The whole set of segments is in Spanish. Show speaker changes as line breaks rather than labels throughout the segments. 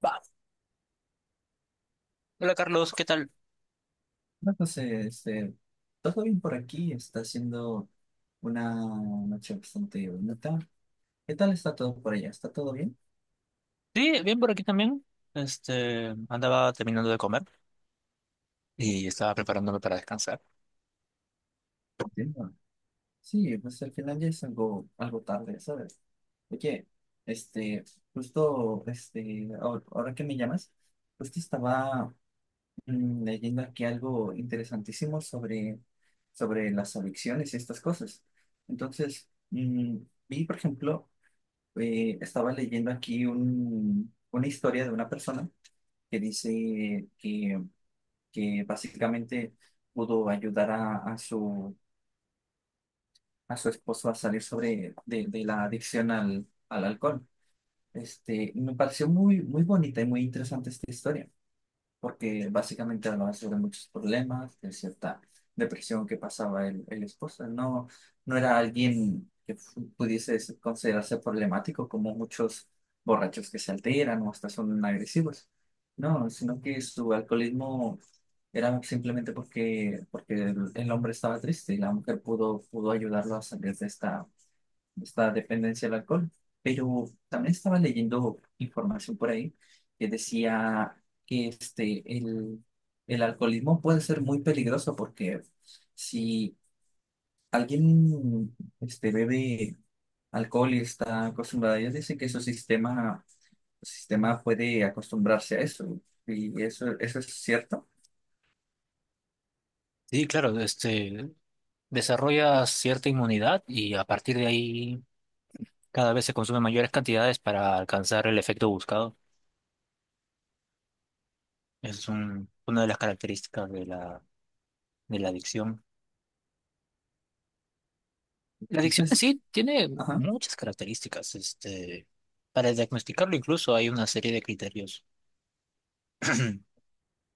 Va. Hola Carlos, ¿qué tal?
No, José, todo bien por aquí, está siendo una noche bastante bonita. ¿Qué tal está todo por allá? ¿Está todo bien?
Sí, bien por aquí también. Andaba terminando de comer
Oh,
y estaba preparándome para descansar.
entiendo. Sí, pues al final ya es algo tarde, ¿sabes? Oye, este, justo, ahora que me llamas, justo estaba leyendo aquí algo interesantísimo sobre las adicciones y estas cosas. Entonces, vi, por ejemplo, estaba leyendo aquí una historia de una persona que dice que básicamente pudo ayudar a a su esposo a salir sobre de la adicción al alcohol. Este, me pareció muy, muy bonita y muy interesante esta historia, porque básicamente hablaba sobre muchos problemas, de cierta depresión que pasaba el esposo. No, no era alguien que pudiese considerarse problemático como muchos borrachos que se alteran o hasta son agresivos. No, sino que su alcoholismo era simplemente porque el hombre estaba triste y la mujer pudo ayudarlo a salir de esta dependencia al alcohol. Pero también estaba leyendo información por ahí que decía que el alcoholismo puede ser muy peligroso porque si alguien bebe alcohol y está acostumbrado, ellos dicen que su su sistema puede acostumbrarse a eso. Y eso es cierto.
Sí, claro, desarrolla cierta inmunidad y a partir de ahí cada vez se consumen mayores cantidades para alcanzar el efecto buscado. Es una de las características de de la adicción. La adicción en
Entonces,
sí tiene
ajá.
muchas características. Para diagnosticarlo incluso hay una serie de criterios.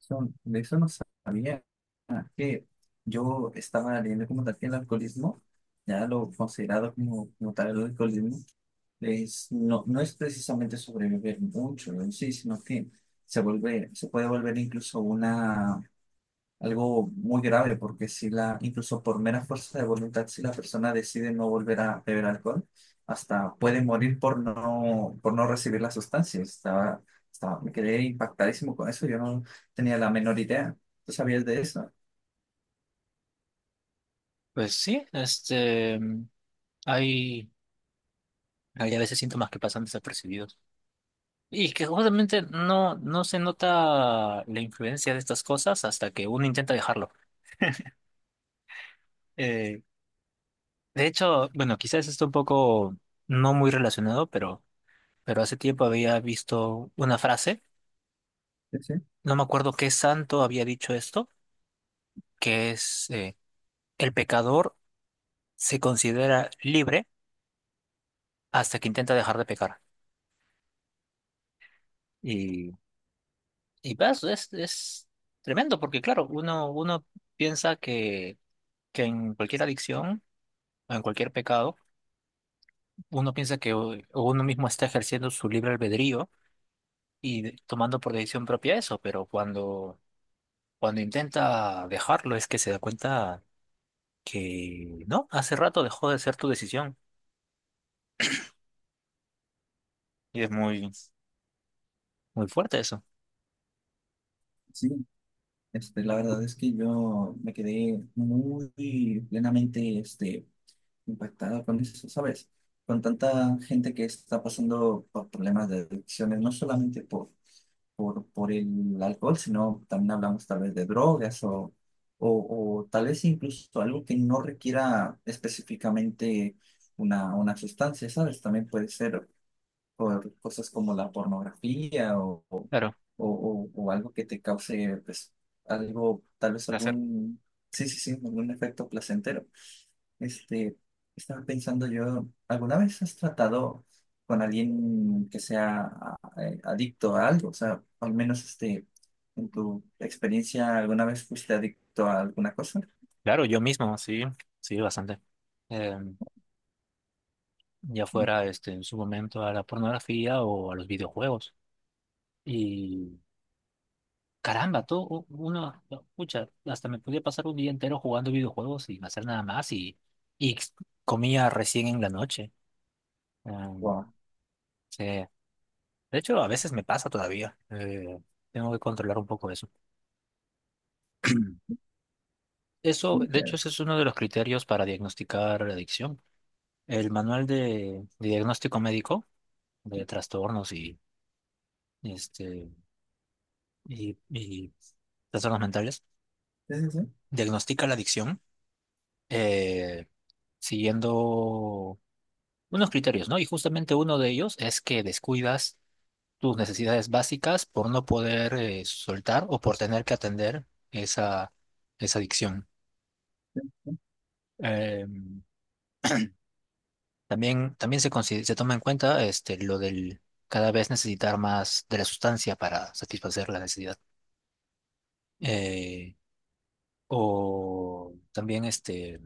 De eso no sabía. Ah, que yo estaba leyendo como tal que el alcoholismo, ya lo considerado como, como tal el alcoholismo, es, no, no es precisamente sobrevivir mucho en sí, sino que se se puede volver incluso una algo muy grave, porque si incluso por mera fuerza de voluntad, si la persona decide no volver a beber alcohol, hasta puede morir por por no recibir la sustancia. Estaba, me quedé impactadísimo con eso, yo no tenía la menor idea. ¿Tú sabías de eso?
Pues sí, este, hay Había a veces síntomas que pasan desapercibidos. Y que justamente no se nota la influencia de estas cosas hasta que uno intenta dejarlo. Eh, de hecho, bueno, quizás esto un poco no muy relacionado, pero hace tiempo había visto una frase,
Sí, sí.
no me acuerdo qué santo había dicho esto, que es el pecador se considera libre hasta que intenta dejar de pecar. Y, y pues, es tremendo, porque claro, uno piensa que en cualquier adicción o en cualquier pecado, uno piensa que uno mismo está ejerciendo su libre albedrío y tomando por decisión propia eso, pero cuando intenta dejarlo es que se da cuenta que no, hace rato dejó de ser tu decisión y es muy, muy fuerte eso.
Sí. Este, la verdad es que yo me quedé muy plenamente impactada con eso, ¿sabes? Con tanta gente que está pasando por problemas de adicciones, no solamente por el alcohol, sino también hablamos tal vez de drogas o tal vez incluso algo que no requiera específicamente una sustancia, ¿sabes? También puede ser por cosas como la pornografía
Claro.
o algo que te cause, pues, tal vez
Placer.
algún, sí, sí, sí, algún efecto placentero. Este, estaba pensando yo, ¿alguna vez has tratado con alguien que sea adicto a algo? O sea, al menos este, en tu experiencia, ¿alguna vez fuiste adicto a alguna cosa?
Claro, yo mismo, sí, sí, bastante. Eh, ya fuera en su momento a la pornografía o a los videojuegos. Caramba, todo uno, no, pucha, hasta me podía pasar un día entero jugando videojuegos sin hacer nada más y comía recién en la noche. Em,
Wow.
sí. De hecho, a veces me pasa todavía. Tengo que controlar un poco eso. Eso, de hecho,
Sí,
ese es uno de los criterios para diagnosticar la adicción. El manual de diagnóstico médico de trastornos este, y trastornos mentales
sí, sí.
diagnostica la adicción eh, siguiendo unos criterios, ¿no? Y justamente uno de ellos es que descuidas tus necesidades básicas por no poder soltar o por tener que atender esa, esa adicción. Eh, También, también se toma en cuenta lo del cada vez necesitar más de la sustancia para satisfacer la necesidad. Eh, o también,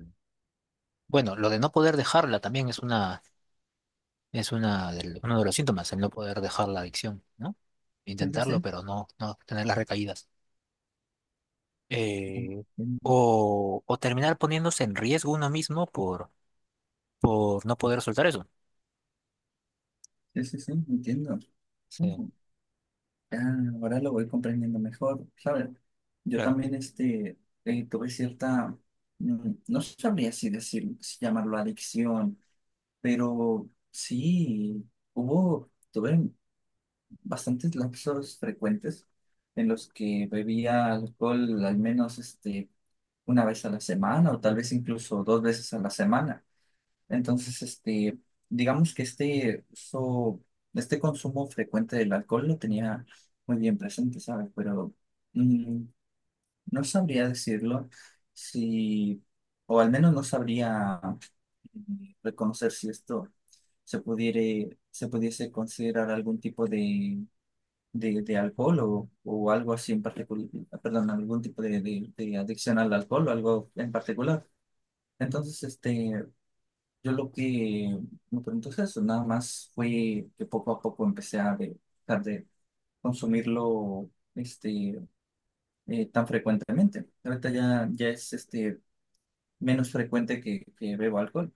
bueno, lo de no poder dejarla también es es uno de los síntomas, el no poder dejar la adicción, ¿no?
Sí, sí,
Intentarlo,
sí.
pero no tener las recaídas. eh, o, o terminar poniéndose en riesgo uno mismo por no poder soltar eso.
Sí, sí, sí, entiendo.
Sí,
Ah, ahora lo voy comprendiendo mejor, ¿sabes? Yo
claro.
también tuve no sabría si decir, si llamarlo adicción, pero sí, tuve bastantes lapsos frecuentes en los que bebía alcohol al menos este, una vez a la semana o tal vez incluso dos veces a la semana. Entonces, este, digamos que este este consumo frecuente del alcohol lo tenía muy bien presente, ¿sabes? Pero mm, no sabría decirlo si, o al menos no sabría reconocer si esto se pudiese considerar algún tipo de alcohol o algo así en particular, perdón, algún tipo de adicción al alcohol o algo en particular. Entonces, este, yo lo que me pregunto es eso, nada más fue que poco a poco empecé a dejar de consumirlo este, tan frecuentemente. Ahorita ya es este, menos frecuente que bebo alcohol.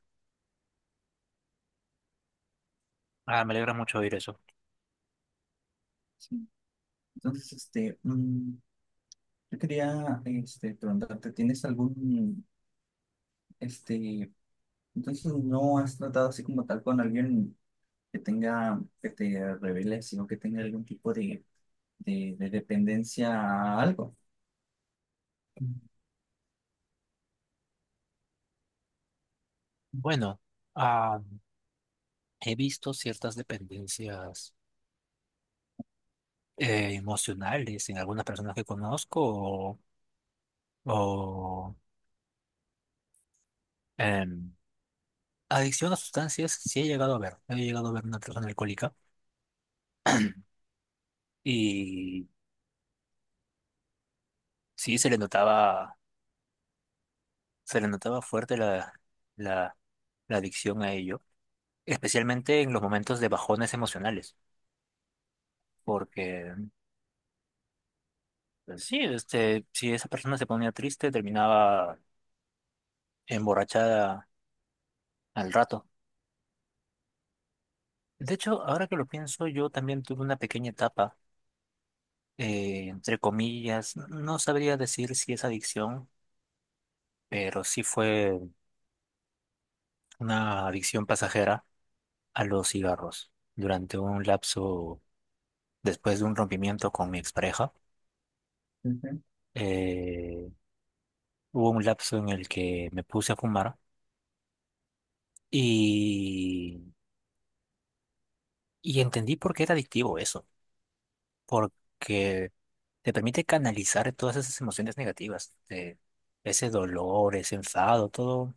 Ah, me alegra mucho oír eso.
Sí. Entonces, yo quería este, preguntarte, ¿tienes algún, este, entonces no has tratado así como tal con alguien que tenga, que te revele, sino que tenga algún tipo de dependencia a algo?
Mm. Bueno, ah, he visto ciertas dependencias emocionales en algunas personas que conozco o, em, adicción a sustancias, sí he llegado a ver. He llegado a ver una persona alcohólica y sí se le notaba fuerte la, la adicción a ello, especialmente en los momentos de bajones emocionales, porque pues, sí, si esa persona se ponía triste, terminaba emborrachada al rato. De hecho, ahora que lo pienso, yo también tuve una pequeña etapa, entre comillas, no sabría decir si es adicción, pero sí fue una adicción pasajera a los cigarros durante un lapso después de un rompimiento con mi expareja.
Ujú.
eh, Hubo un lapso en el que me puse a fumar. Y Y entendí por qué era adictivo eso, porque te permite canalizar todas esas emociones negativas, ese dolor, ese enfado, todo.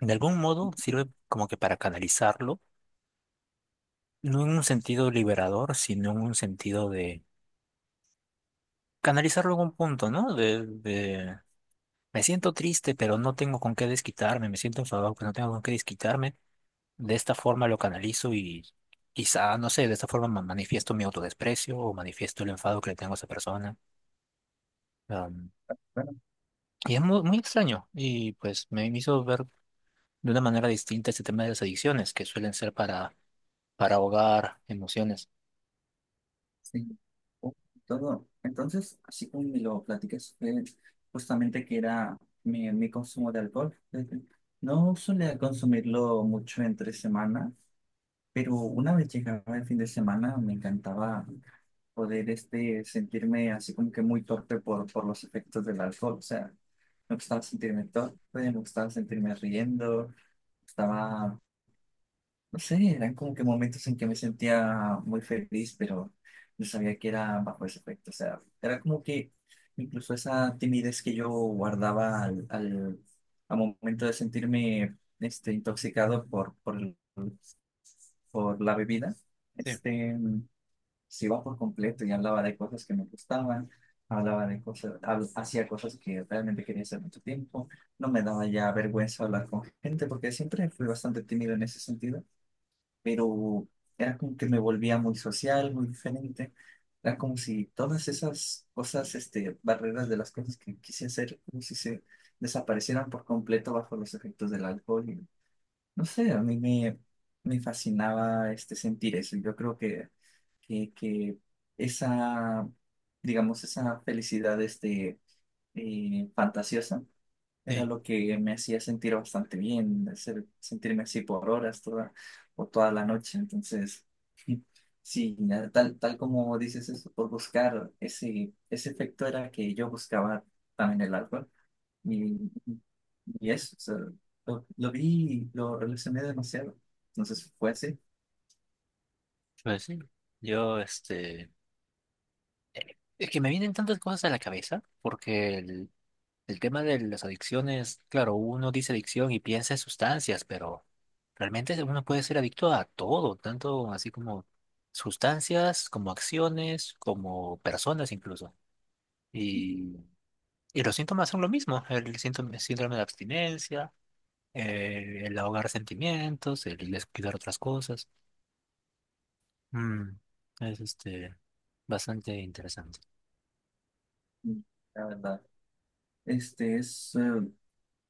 De algún modo sirve como que para canalizarlo, no en un sentido liberador, sino en un sentido de canalizarlo en un punto, ¿no? De Me siento triste, pero no tengo con qué desquitarme, me siento enfadado, pero no tengo con qué desquitarme. De esta forma lo canalizo y quizá, no sé, de esta forma manifiesto mi autodesprecio o manifiesto el enfado que le tengo a esa persona. Y es muy, muy extraño. Y pues me hizo ver de una manera distinta este tema de las adicciones, que suelen ser para ahogar emociones.
Sí, oh, todo. Entonces, así como me lo platicas, fue justamente que era mi consumo de alcohol. Desde- No solía consumirlo mucho entre semana, pero una vez llegaba el fin de semana me encantaba poder este, sentirme así como que muy torpe por los efectos del alcohol. O sea, me gustaba sentirme torpe, me gustaba sentirme riendo, estaba no sé, eran como que momentos en que me sentía muy feliz, pero no sabía que era bajo ese efecto. O sea, era como que incluso esa timidez que yo guardaba al momento de sentirme este, intoxicado por la bebida,
Sí,
este, se iba por completo y hablaba de cosas que me gustaban, hablaba de cosas, hacía cosas que realmente quería hacer mucho tiempo. No me daba ya vergüenza hablar con gente porque siempre fui bastante tímido en ese sentido, pero era como que me volvía muy social, muy diferente. Era como si todas esas cosas, este, barreras de las cosas que quise hacer, como si se desaparecieran por completo bajo los efectos del alcohol. Y, no sé, a me fascinaba este, sentir eso. Yo creo que esa, digamos, esa felicidad fantasiosa era
sí.
lo que me hacía sentir bastante bien, hacer, sentirme así por horas toda, o toda la noche. Entonces, sí, ya tal como dices eso, por buscar ese efecto era que yo buscaba también el alcohol. Y, y eso, o sea, lo vi, y lo relacioné demasiado. Entonces fue así,
Pues sí, yo, es que me vienen tantas cosas a la cabeza, porque el tema de las adicciones, claro, uno dice adicción y piensa en sustancias, pero realmente uno puede ser adicto a todo, tanto así como sustancias, como acciones, como personas incluso. Y los síntomas son lo mismo, el síntoma, síndrome de abstinencia, el ahogar sentimientos, el descuidar otras cosas. Mm, es bastante interesante.
la verdad. Este es,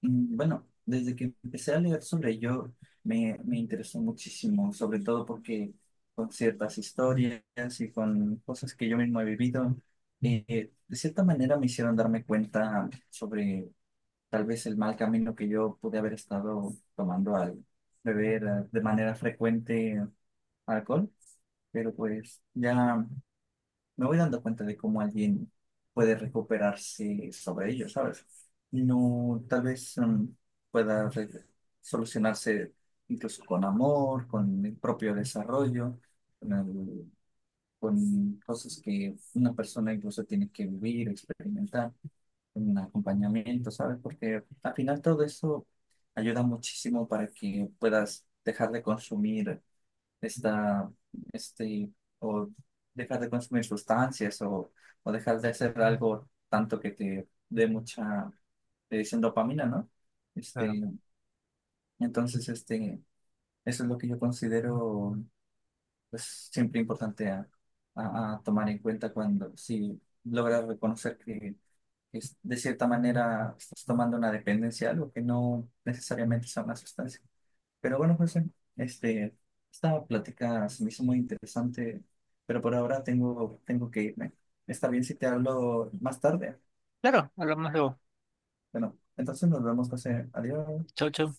mm, bueno, desde que empecé a leer sobre ello, me interesó muchísimo, sobre todo porque con ciertas historias y con cosas que yo mismo he vivido, de cierta manera me hicieron darme cuenta sobre tal vez el mal camino que yo pude haber estado tomando al beber de manera frecuente alcohol, pero pues ya me voy dando cuenta de cómo alguien puede recuperarse sobre ello, ¿sabes? No, tal vez pueda solucionarse incluso con amor, con el propio desarrollo, con, el- con cosas que una persona incluso tiene que vivir, experimentar, un acompañamiento, ¿sabes? Porque al final todo eso ayuda muchísimo para que puedas dejar de consumir esta, este, o dejar de consumir sustancias o dejar de hacer algo tanto que te dé mucha, te dicen dopamina, ¿no?
Claro.
Este, entonces, este, eso es lo que yo considero, pues, siempre importante a tomar en cuenta cuando, si logras reconocer que de cierta manera estás tomando una dependencia, algo que no necesariamente sea una sustancia. Pero bueno, José, este, esta plática se me hizo muy interesante, pero por ahora tengo que irme. Está bien si te hablo más tarde.
Claro, hablamos luego.
Bueno, entonces nos vemos, José. Adiós.
Chau, chau.